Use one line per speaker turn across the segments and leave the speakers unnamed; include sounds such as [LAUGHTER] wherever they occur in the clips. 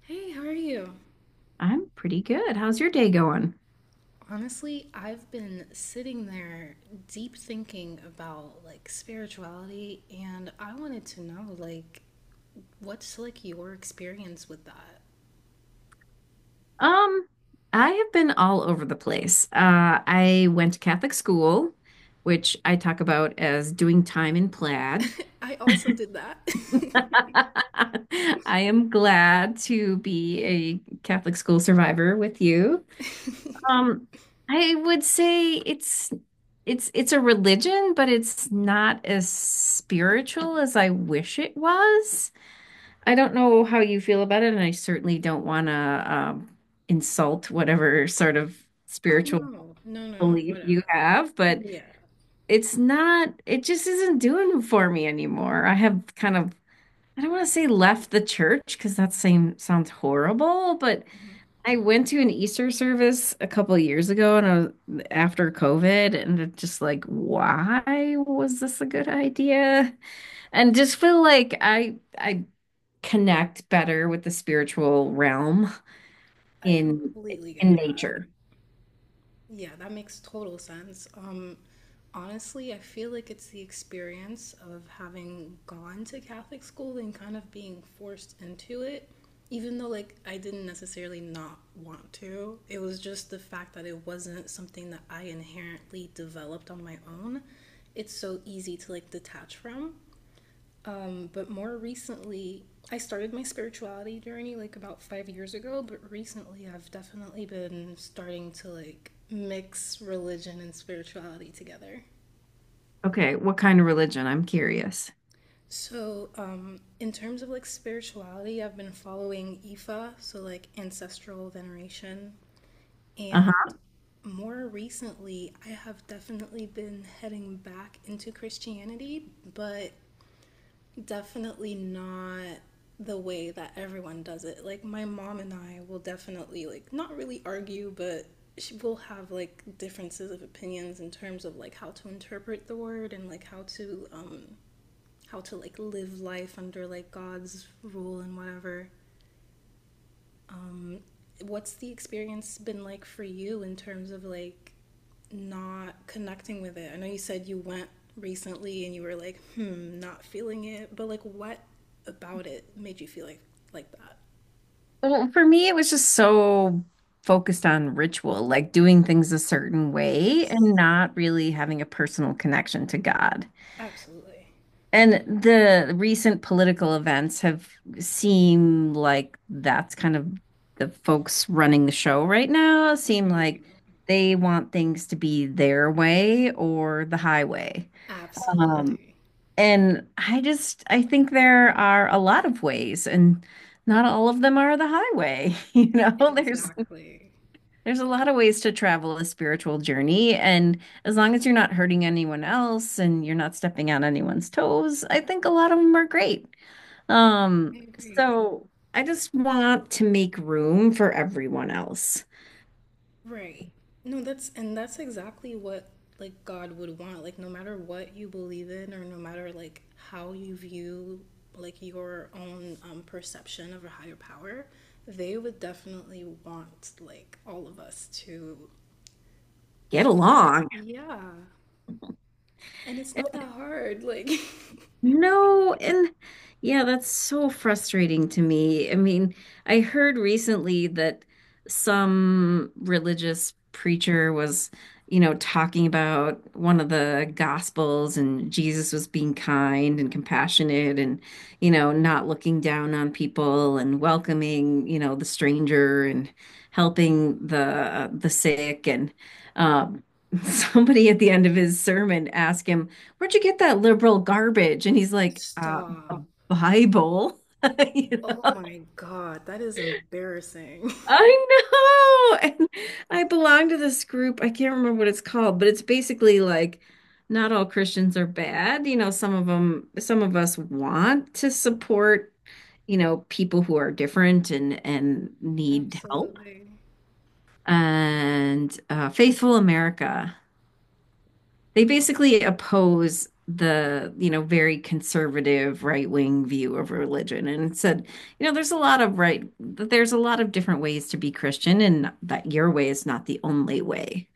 Hey, how are you?
I'm pretty good. How's your day going?
Honestly, I've been sitting there deep thinking about spirituality, and I wanted to know what's your experience with that?
Um, I have been all over the place. I went to Catholic school, which I talk about as doing time in plaid.
[LAUGHS] I also did that.
[LAUGHS]
[LAUGHS]
I am glad to be a Catholic school survivor with you. Um, I would say it's a religion, but it's not as spiritual as I wish it was. I don't know how you feel about it, and I certainly don't want to insult whatever sort of
Oh no,
spiritual
no, no, no,
belief you
whatever.
have, but
Yeah,
it's not, it just isn't doing it for me anymore. I have kind of, I don't want to say left the church because that same sounds horrible, but
mhm.
I went to an Easter service a couple of years ago and I was, after COVID, and it's just like, why was this a good idea? And just feel like I connect better with the spiritual realm
I
in
completely get
in
that.
nature.
Yeah, that makes total sense. Honestly, I feel like it's the experience of having gone to Catholic school and kind of being forced into it, even though like I didn't necessarily not want to. It was just the fact that it wasn't something that I inherently developed on my own. It's so easy to like detach from. But more recently, I started my spirituality journey like about 5 years ago, but recently I've definitely been starting to like mix religion and spirituality together.
Okay, what kind of religion? I'm curious.
So, in terms of like spirituality, I've been following Ifa, so like ancestral veneration, and
Uh-huh.
more recently, I have definitely been heading back into Christianity, but definitely not the way that everyone does it. Like my mom and I will definitely like not really argue, but she will have like differences of opinions in terms of like how to interpret the word and like how to how to like live life under like God's rule and whatever. Um what's the experience been like for you in terms of like not connecting with it? I know you said you went recently and you were like, hmm, not feeling it, but like what about it made you feel like that?
Well, for me, it was just so focused on ritual, like doing things a certain way and
Yes,
not really having a personal connection to God.
absolutely.
And the recent political events have seemed like that's kind of the folks running the show right now seem
Hmm.
like they want things to be their way or the highway. Um,
Absolutely.
and I just I think there are a lot of ways, and not all of them are the highway. [LAUGHS] You know, there's
Exactly.
there's a lot of ways to travel a spiritual journey, and as long as you're not hurting anyone else and you're not stepping on anyone's toes, I think a lot of them are great. Um,
I agree.
so I just want to make room for everyone else.
Right. No, that's and that's exactly what like God would want. Like no matter what you believe in or no matter like how you view like your own perception of a higher power, they would definitely want like all of us to
Get along.
yeah. And it's not that hard. Like
No, and yeah, that's so frustrating to me. I mean, I heard recently that some religious preacher was, you know, talking about one of the gospels and Jesus was being kind and compassionate and, you know, not looking down on people and welcoming, you know, the stranger and helping the sick and um [LAUGHS] somebody at the end of his sermon asked him where'd you get that liberal garbage? And he's
[LAUGHS]
like, a
stop.
Bible. [LAUGHS] You
Oh
know?
my God, that is embarrassing.
I know. And I belong to this group. I can't remember what it's called, but it's basically like not all Christians are bad. You know, some of them, some of us want to support, you know, people who are different and
[LAUGHS]
need help.
Absolutely.
And Faithful America. They basically oppose the, you know, very conservative right-wing view of religion and it said, you know, there's a lot of right, there's a lot of different ways to be Christian and that your way is not the only way.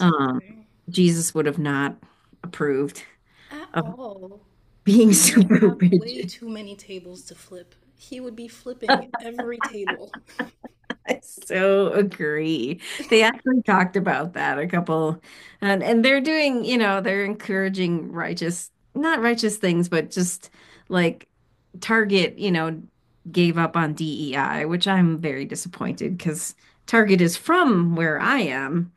Um, Jesus would have not approved
At
of
all.
being [LAUGHS]
He would
super
have way
rigid.
too many tables to flip. He would be flipping every table. [LAUGHS]
[LAUGHS] I so agree. They actually talked about that a couple, and they're doing, you know, they're encouraging righteous, not righteous things, but just like Target, you know, gave up on DEI, which I'm very disappointed because Target is from where I am,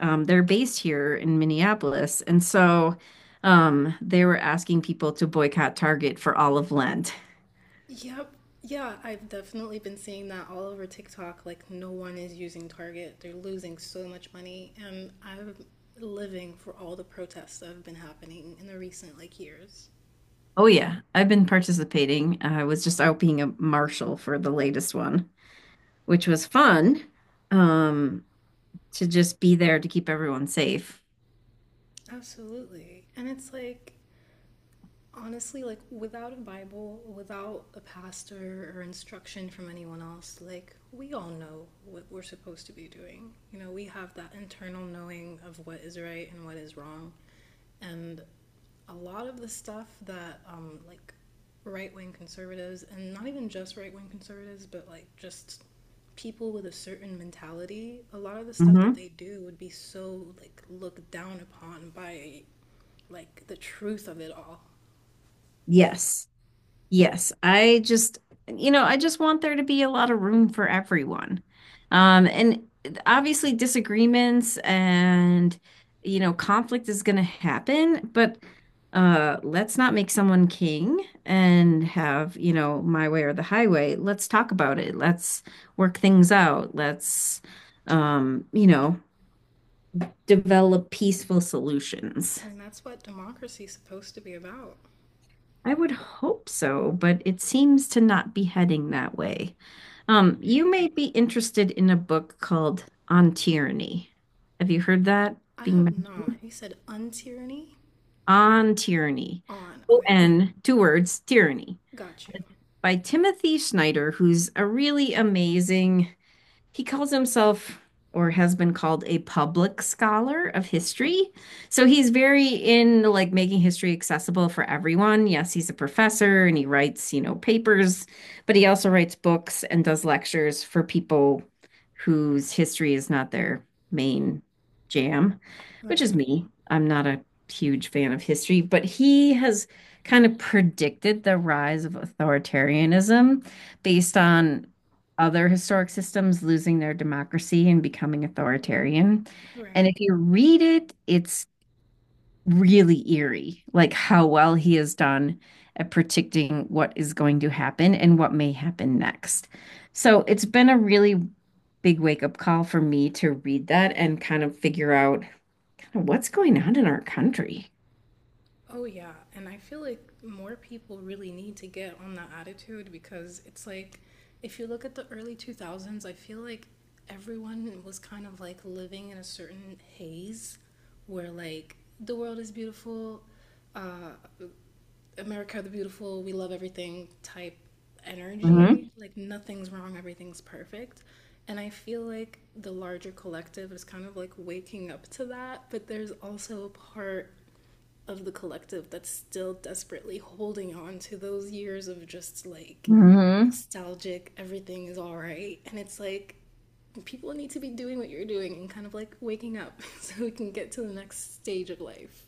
they're based here in Minneapolis. And so they were asking people to boycott Target for all of Lent.
Yep. Yeah, I've definitely been seeing that all over TikTok. Like, no one is using Target. They're losing so much money. And I'm living for all the protests that have been happening in the recent, like, years.
Oh, yeah. I've been participating. I was just out being a marshal for the latest one, which was fun um, to just be there to keep everyone safe.
Absolutely. And it's like, honestly like without a bible without a pastor or instruction from anyone else like we all know what we're supposed to be doing, you know, we have that internal knowing of what is right and what is wrong, and a lot of the stuff that like right-wing conservatives and not even just right-wing conservatives but like just people with a certain mentality, a lot of the stuff that
Hmm.
they do would be so like looked down upon by like the truth of it all.
Yes. Yes, I just, you know, I just want there to be a lot of room for everyone. And obviously disagreements and, you know, conflict is going to happen, but let's not make someone king and have, you know, my way or the highway. Let's talk about it. Let's work things out. Let's, you know, develop peaceful solutions.
And that's what democracy's supposed to be about.
I would hope so, but it seems to not be heading that way. You
Right.
may be interested in a book called On Tyranny. Have you heard that
I
being
have
mentioned?
not. You said untyranny
On Tyranny.
on. Okay,
O-N, two words, Tyranny,
got you.
by Timothy Snyder, who's a really amazing he calls himself or has been called a public scholar of history. So he's very in like making history accessible for everyone. Yes, he's a professor and he writes, you know, papers, but he also writes books and does lectures for people whose history is not their main jam, which
Right,
is me. I'm not a huge fan of history, but he has kind of predicted the rise of authoritarianism based on other historic systems losing their democracy and becoming authoritarian. And if
right.
you read it, it's really eerie, like how well he has done at predicting what is going to happen and what may happen next. So it's been a really big wake-up call for me to read that and kind of figure out kind of what's going on in our country.
Oh, yeah. And I feel like more people really need to get on that attitude because it's like, if you look at the early 2000s, I feel like everyone was kind of like living in a certain haze where, like, the world is beautiful, uh, America the Beautiful, we love everything type energy. Like nothing's wrong, everything's perfect. And I feel like the larger collective is kind of like waking up to that, but there's also a part of the collective that's still desperately holding on to those years of just like
Hmm.
nostalgic, everything is all right. And it's like people need to be doing what you're doing and kind of like waking up [LAUGHS] so we can get to the next stage of life.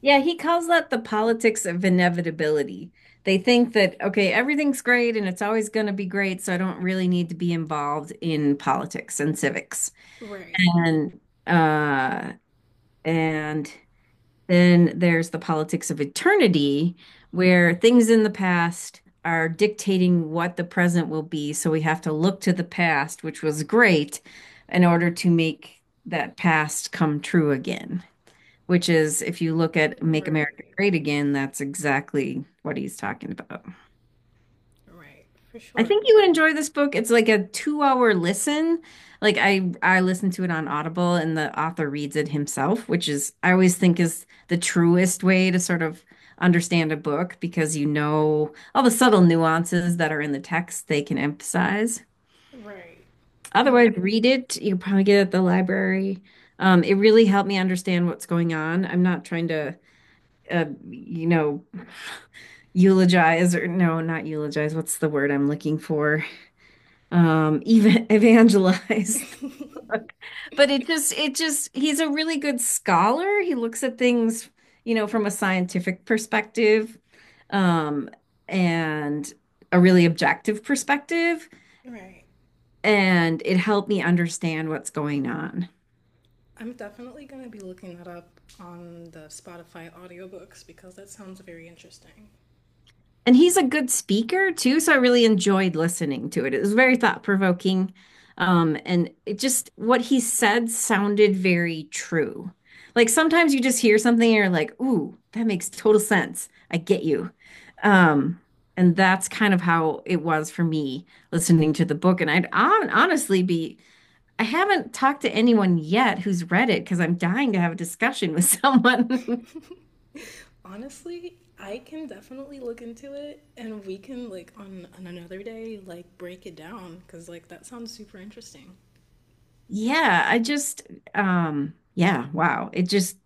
Yeah, he calls that the politics of inevitability. They think that, okay, everything's great and it's always going to be great, so I don't really need to be involved in politics and civics.
Right.
And uh and then there's the politics of eternity where things in the past are dictating what the present will be, so we have to look to the past, which was great, in order to make that past come true again, which is if you look at Make
Right.
America Great Again, that's exactly what he's talking about.
Right, for
I
sure.
think you would enjoy this book. It's like a two-hour listen. Like I listened to it on Audible and the author reads it himself, which is I always think is the truest way to sort of understand a book because you know all the subtle nuances that are in the text they can emphasize.
Right. And like,
Otherwise, read it. You can probably get it at the library. It really helped me understand what's going on. I'm not trying to, you know, eulogize or no, not eulogize. What's the word I'm looking for? Even evangelize. [LAUGHS]
[LAUGHS]
But he's a really good scholar. He looks at things, you know, from a scientific perspective, um, and a really objective perspective.
right.
And it helped me understand what's going on.
I'm definitely going to be looking that up on the Spotify audiobooks because that sounds very interesting.
And he's a good speaker too, so I really enjoyed listening to it. It was very thought-provoking. And it just what he said sounded very true. Like sometimes you just hear something and you're like, ooh, that makes total sense. I get you. Um, and that's kind of how it was for me listening to the book. And I'd hon- honestly be, I haven't talked to anyone yet who's read it because I'm dying to have a discussion with [LAUGHS] someone. [LAUGHS]
Honestly, I can definitely look into it and we can, like, on another day, like, break it down because, like, that sounds super interesting.
Yeah, I just, yeah, wow.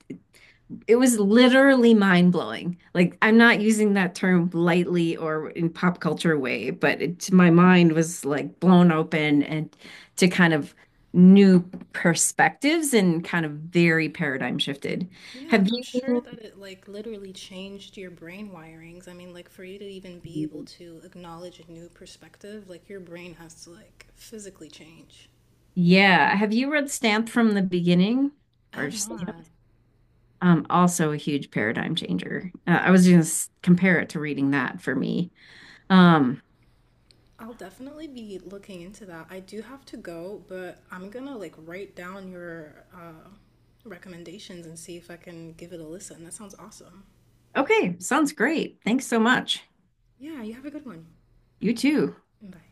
It was literally mind blowing. Like, I'm not using that term lightly or in pop culture way, but my mind was like blown open and to kind of new perspectives and kind of very paradigm shifted.
Yeah,
Have
I'm sure
you,
that it, like, literally changed your brain wirings. I mean, like, for you to even be able to acknowledge a new perspective, like, your brain has to, like, physically change.
yeah, have you read Stamped from the beginning
I
or
have not.
Stamped? Also a huge paradigm changer. I was going to compare it to reading that for me. Um,
I'll definitely be looking into that. I do have to go, but I'm gonna like write down your recommendations and see if I can give it a listen. That sounds awesome.
okay, sounds great. Thanks so much.
Yeah, you have a good one.
You too.
Bye.